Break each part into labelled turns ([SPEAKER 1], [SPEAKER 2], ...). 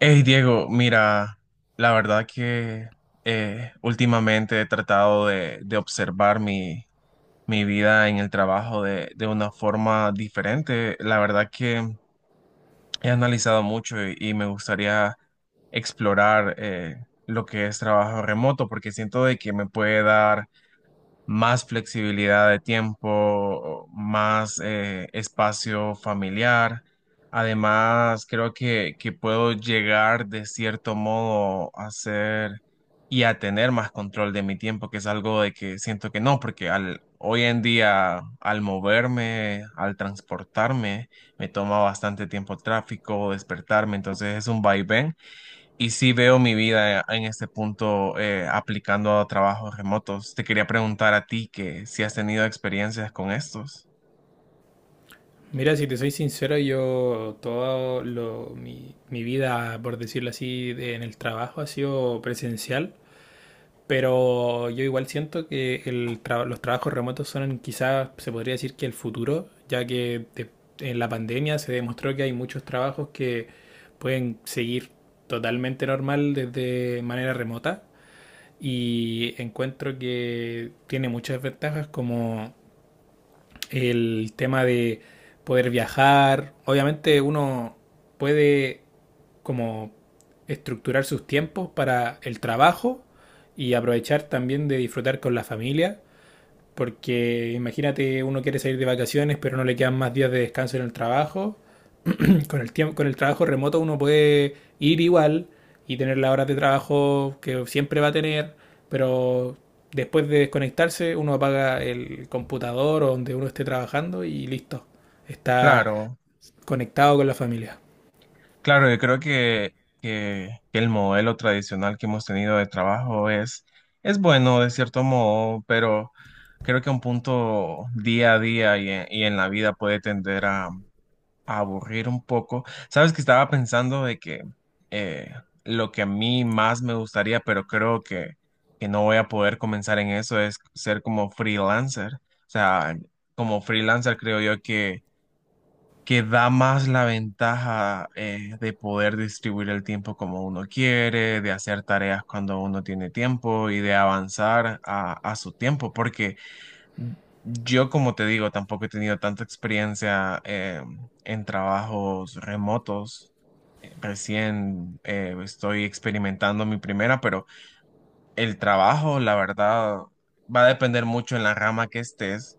[SPEAKER 1] Hey Diego, mira, la verdad que últimamente he tratado de observar mi vida en el trabajo de una forma diferente. La verdad que he analizado mucho y me gustaría explorar lo que es trabajo remoto porque siento de que me puede dar más flexibilidad de tiempo, más espacio familiar. Además, creo que puedo llegar de cierto modo a ser y a tener más control de mi tiempo, que es algo de que siento que no, porque al, hoy en día al moverme, al transportarme, me toma bastante tiempo tráfico, despertarme, entonces es un vaivén y sí veo mi vida en este punto aplicando a trabajos remotos. Te quería preguntar a ti que si has tenido experiencias con estos.
[SPEAKER 2] Mira, si te soy sincero, yo todo lo, mi vida, por decirlo así, en el trabajo ha sido presencial, pero yo igual siento que los trabajos remotos son quizás, se podría decir que el futuro, ya que en la pandemia se demostró que hay muchos trabajos que pueden seguir totalmente normal desde manera remota, y encuentro que tiene muchas ventajas como el tema de poder viajar. Obviamente uno puede como estructurar sus tiempos para el trabajo y aprovechar también de disfrutar con la familia. Porque imagínate, uno quiere salir de vacaciones, pero no le quedan más días de descanso en el trabajo. Con el tiempo, con el trabajo remoto uno puede ir igual y tener las horas de trabajo que siempre va a tener, pero después de desconectarse uno apaga el computador o donde uno esté trabajando y listo, está
[SPEAKER 1] Claro,
[SPEAKER 2] conectado con la familia.
[SPEAKER 1] claro, yo creo que el modelo tradicional que hemos tenido de trabajo es bueno de cierto modo, pero creo que un punto día a día y y en la vida puede tender a aburrir un poco. Sabes que estaba pensando de que eh, lo que a mí más me gustaría, pero creo que no voy a poder comenzar en eso, es ser como freelancer. O sea, como freelancer creo yo que da más la ventaja de poder distribuir el tiempo como uno quiere, de hacer tareas cuando uno tiene tiempo y de avanzar a su tiempo, porque yo, como te digo, tampoco he tenido tanta experiencia en trabajos remotos. Recién estoy experimentando mi primera, pero el trabajo, la verdad, va a depender mucho en la rama que estés,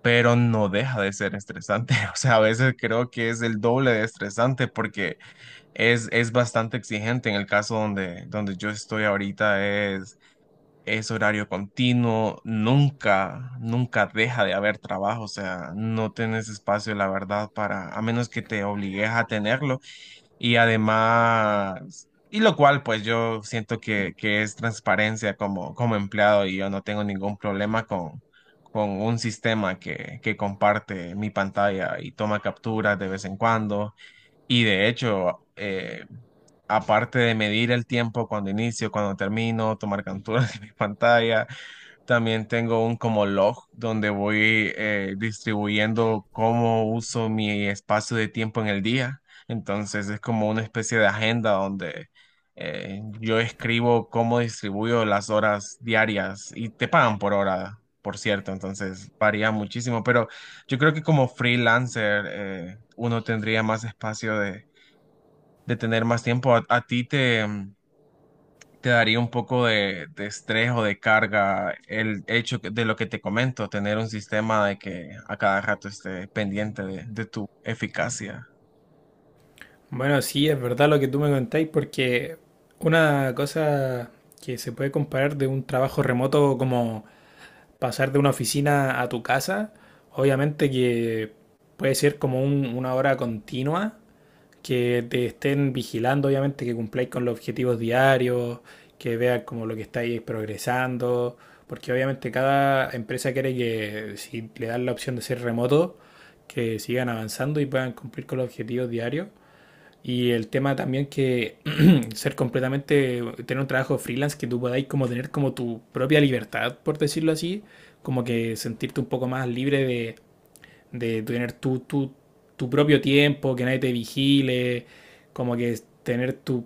[SPEAKER 1] pero no deja de ser estresante. O sea, a veces creo que es el doble de estresante porque es bastante exigente. En el caso donde yo estoy ahorita es horario continuo, nunca, nunca deja de haber trabajo. O sea, no tenés espacio, la verdad, para, a menos que te obligues a tenerlo. Y además, y lo cual, pues yo siento que es transparencia como, como empleado y yo no tengo ningún problema con un sistema que comparte mi pantalla y toma capturas de vez en cuando y de hecho, aparte de medir el tiempo cuando inicio, cuando termino, tomar capturas de mi pantalla, también tengo un como log donde voy distribuyendo cómo uso mi espacio de tiempo en el día. Entonces es como una especie de agenda donde yo escribo cómo distribuyo las horas diarias y te pagan por hora, por cierto, entonces varía muchísimo, pero yo creo que como freelancer uno tendría más espacio de tener más tiempo, a ti te, te daría un poco de estrés o de carga el hecho que- de lo que te comento, tener un sistema de que a cada rato esté pendiente de tu eficacia.
[SPEAKER 2] Bueno, sí, es verdad lo que tú me contáis, porque una cosa que se puede comparar de un trabajo remoto como pasar de una oficina a tu casa, obviamente que puede ser como una hora continua, que te estén vigilando, obviamente, que cumpláis con los objetivos diarios, que vean como lo que estáis progresando, porque obviamente cada empresa quiere que si le dan la opción de ser remoto, que sigan avanzando y puedan cumplir con los objetivos diarios. Y el tema también que ser completamente, tener un trabajo freelance que tú podáis como tener como tu propia libertad, por decirlo así, como que sentirte un poco más libre de tener tu propio tiempo, que nadie te vigile, como que tener tu,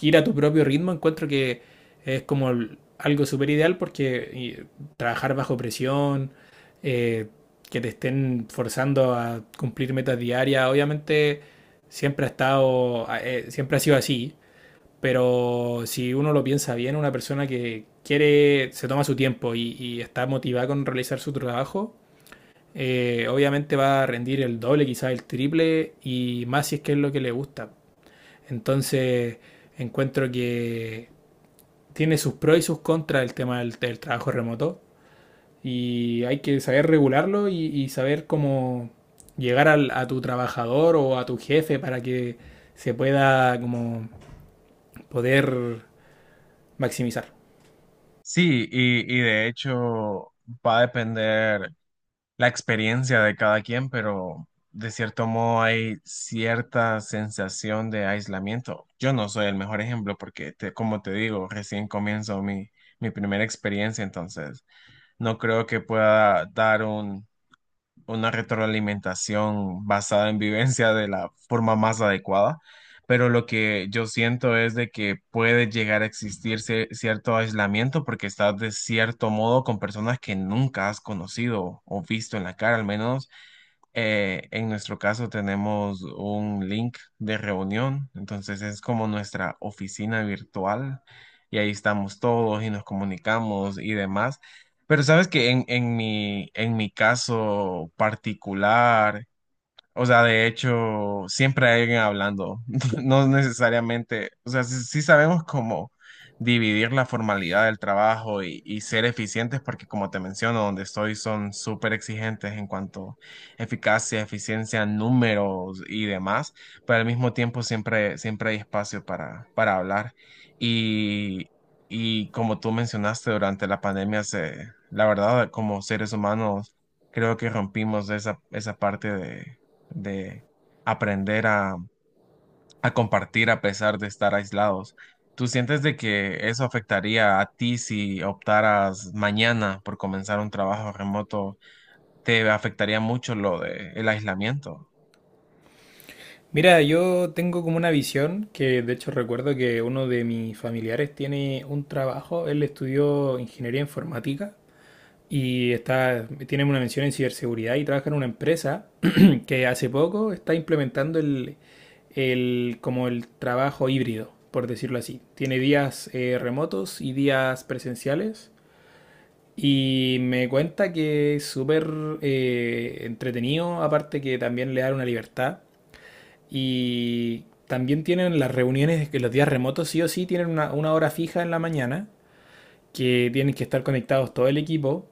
[SPEAKER 2] ir a tu propio ritmo, encuentro que es como algo súper ideal porque trabajar bajo presión, eh, que te estén forzando a cumplir metas diarias, obviamente siempre ha estado, siempre ha sido así, pero si uno lo piensa bien, una persona que quiere, se toma su tiempo y está motivada con realizar su trabajo, obviamente va a rendir el doble, quizás el triple, y más si es que es lo que le gusta. Entonces, encuentro que tiene sus pros y sus contras el tema del trabajo remoto, y hay que saber regularlo y saber cómo llegar a tu trabajador o a tu jefe para que se pueda como poder maximizar.
[SPEAKER 1] Sí, y de hecho va a depender la experiencia de cada quien, pero de cierto modo hay cierta sensación de aislamiento. Yo no soy el mejor ejemplo porque, te- como te digo, recién comienzo mi primera experiencia, entonces no creo que pueda dar una retroalimentación basada en vivencia de la forma más adecuada, pero lo que yo siento es de que puede llegar a existir cie- cierto aislamiento porque estás de cierto modo con personas que nunca has conocido o visto en la cara al menos. En nuestro caso tenemos un link de reunión, entonces es como nuestra oficina virtual y ahí estamos todos y nos comunicamos y demás. Pero sabes que en en mi caso particular, o sea, de hecho, siempre hay alguien hablando, no necesariamente, o sea, sí, sí sabemos cómo dividir la formalidad del trabajo y ser eficientes, porque como te menciono, donde estoy son súper exigentes en cuanto a eficacia, eficiencia, números y demás, pero al mismo tiempo siempre, siempre hay espacio para hablar. Y, y como tú mencionaste, durante la pandemia, se, la verdad, como seres humanos, creo que rompimos esa parte de aprender a compartir a pesar de estar aislados. ¿Tú sientes de que eso afectaría a ti si optaras mañana por comenzar un trabajo remoto? ¿Te afectaría mucho lo de el aislamiento?
[SPEAKER 2] Mira, yo tengo como una visión que de hecho recuerdo que uno de mis familiares tiene un trabajo, él estudió ingeniería informática y está, tiene una mención en ciberseguridad y trabaja en una empresa que hace poco está implementando como el trabajo híbrido, por decirlo así. Tiene días remotos y días presenciales. Y me cuenta que es súper entretenido, aparte que también le da una libertad. Y también tienen las reuniones que los días remotos, sí o sí, tienen una hora fija en la mañana, que tienen que estar conectados todo el equipo,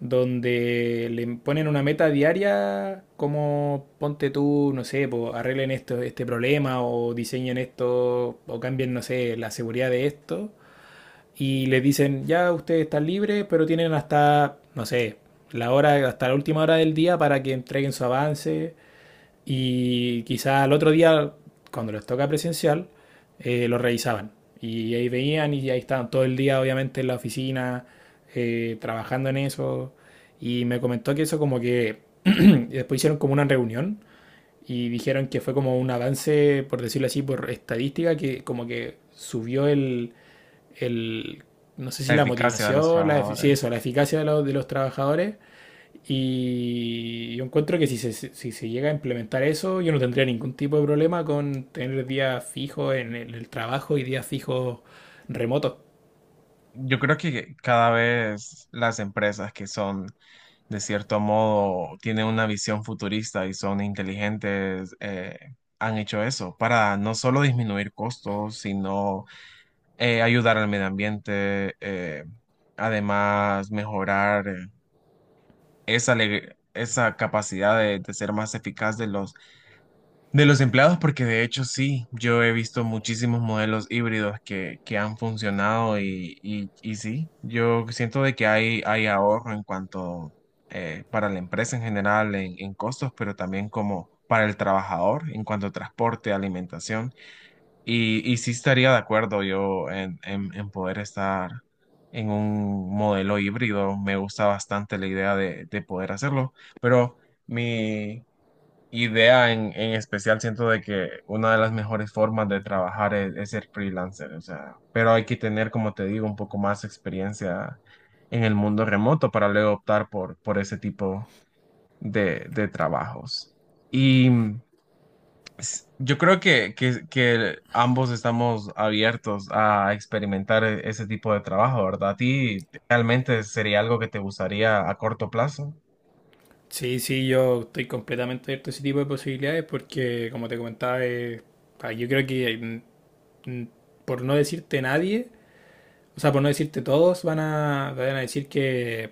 [SPEAKER 2] donde le ponen una meta diaria como ponte tú, no sé, po, arreglen esto, este problema o diseñen esto o cambien, no sé, la seguridad de esto. Y les dicen, ya ustedes están libres, pero tienen hasta, no sé, la hora, hasta la última hora del día para que entreguen su avance y quizás al otro día, cuando les toca presencial, lo revisaban. Y ahí veían y ahí estaban todo el día, obviamente, en la oficina, trabajando en eso. Y me comentó que eso como que después hicieron como una reunión y dijeron que fue como un avance, por decirlo así, por estadística, que como que subió el no sé si
[SPEAKER 1] La
[SPEAKER 2] la
[SPEAKER 1] eficacia de los
[SPEAKER 2] motivación, la, sí, eso,
[SPEAKER 1] trabajadores.
[SPEAKER 2] la eficacia de de los trabajadores, y yo encuentro que si se llega a implementar eso, yo no tendría ningún tipo de problema con tener días fijos en el trabajo y días fijos remotos.
[SPEAKER 1] Yo creo que cada vez las empresas que son de cierto modo, tienen una visión futurista y son inteligentes, han hecho eso para no solo disminuir costos, sino ayudar al medio ambiente, además mejorar esa, ale- esa capacidad de ser más eficaz de los empleados, porque de hecho sí, yo he visto muchísimos modelos híbridos que han funcionado y sí, yo siento de que hay ahorro en cuanto para la empresa en general en costos, pero también como para el trabajador en cuanto a transporte, alimentación. Y sí estaría de acuerdo yo en poder estar en un modelo híbrido. Me gusta bastante la idea de poder hacerlo, pero mi idea en especial, siento de que una de las mejores formas de trabajar es ser freelancer. O sea, pero hay que tener, como te digo, un poco más experiencia en el mundo remoto para luego optar por ese tipo de trabajos. Y s- yo creo que ambos estamos abiertos a experimentar e- ese tipo de trabajo, ¿verdad? ¿A ti realmente sería algo que te gustaría a corto plazo?
[SPEAKER 2] Sí, sí, yo estoy completamente abierto a ese tipo de posibilidades porque, como te comentaba, yo creo que mm, mm, por no decirte nadie, o sea, por no decirte todos, van a decir que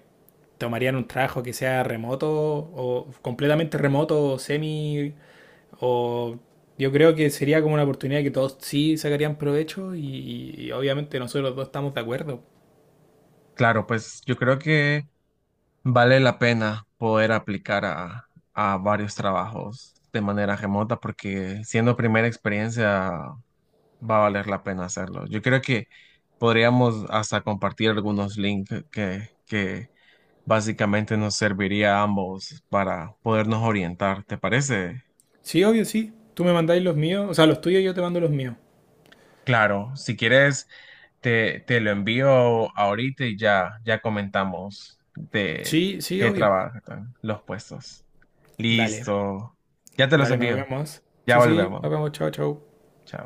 [SPEAKER 2] tomarían un trabajo que sea remoto o completamente remoto o semi. O yo creo que sería como una oportunidad que todos sí sacarían provecho y obviamente nosotros dos estamos de acuerdo.
[SPEAKER 1] Claro, pues yo creo que... Vale la pena poder aplicar a varios trabajos de manera remota porque siendo primera experiencia va a valer la pena hacerlo. Yo creo que podríamos hasta compartir algunos links que básicamente nos serviría a ambos para podernos orientar. ¿Te parece?
[SPEAKER 2] Sí, obvio, sí. Tú me mandáis los míos, o sea, los tuyos y yo te mando los míos.
[SPEAKER 1] Claro, si quieres, te lo envío ahorita y ya, ya comentamos de
[SPEAKER 2] Sí, sí,
[SPEAKER 1] qué
[SPEAKER 2] obvio.
[SPEAKER 1] trabajan los puestos.
[SPEAKER 2] Dale,
[SPEAKER 1] Listo. Ya te los
[SPEAKER 2] dale, nos
[SPEAKER 1] envío.
[SPEAKER 2] vemos.
[SPEAKER 1] Ya
[SPEAKER 2] Sí, sí,
[SPEAKER 1] volvemos.
[SPEAKER 2] nos vemos, chao, chao.
[SPEAKER 1] Chao.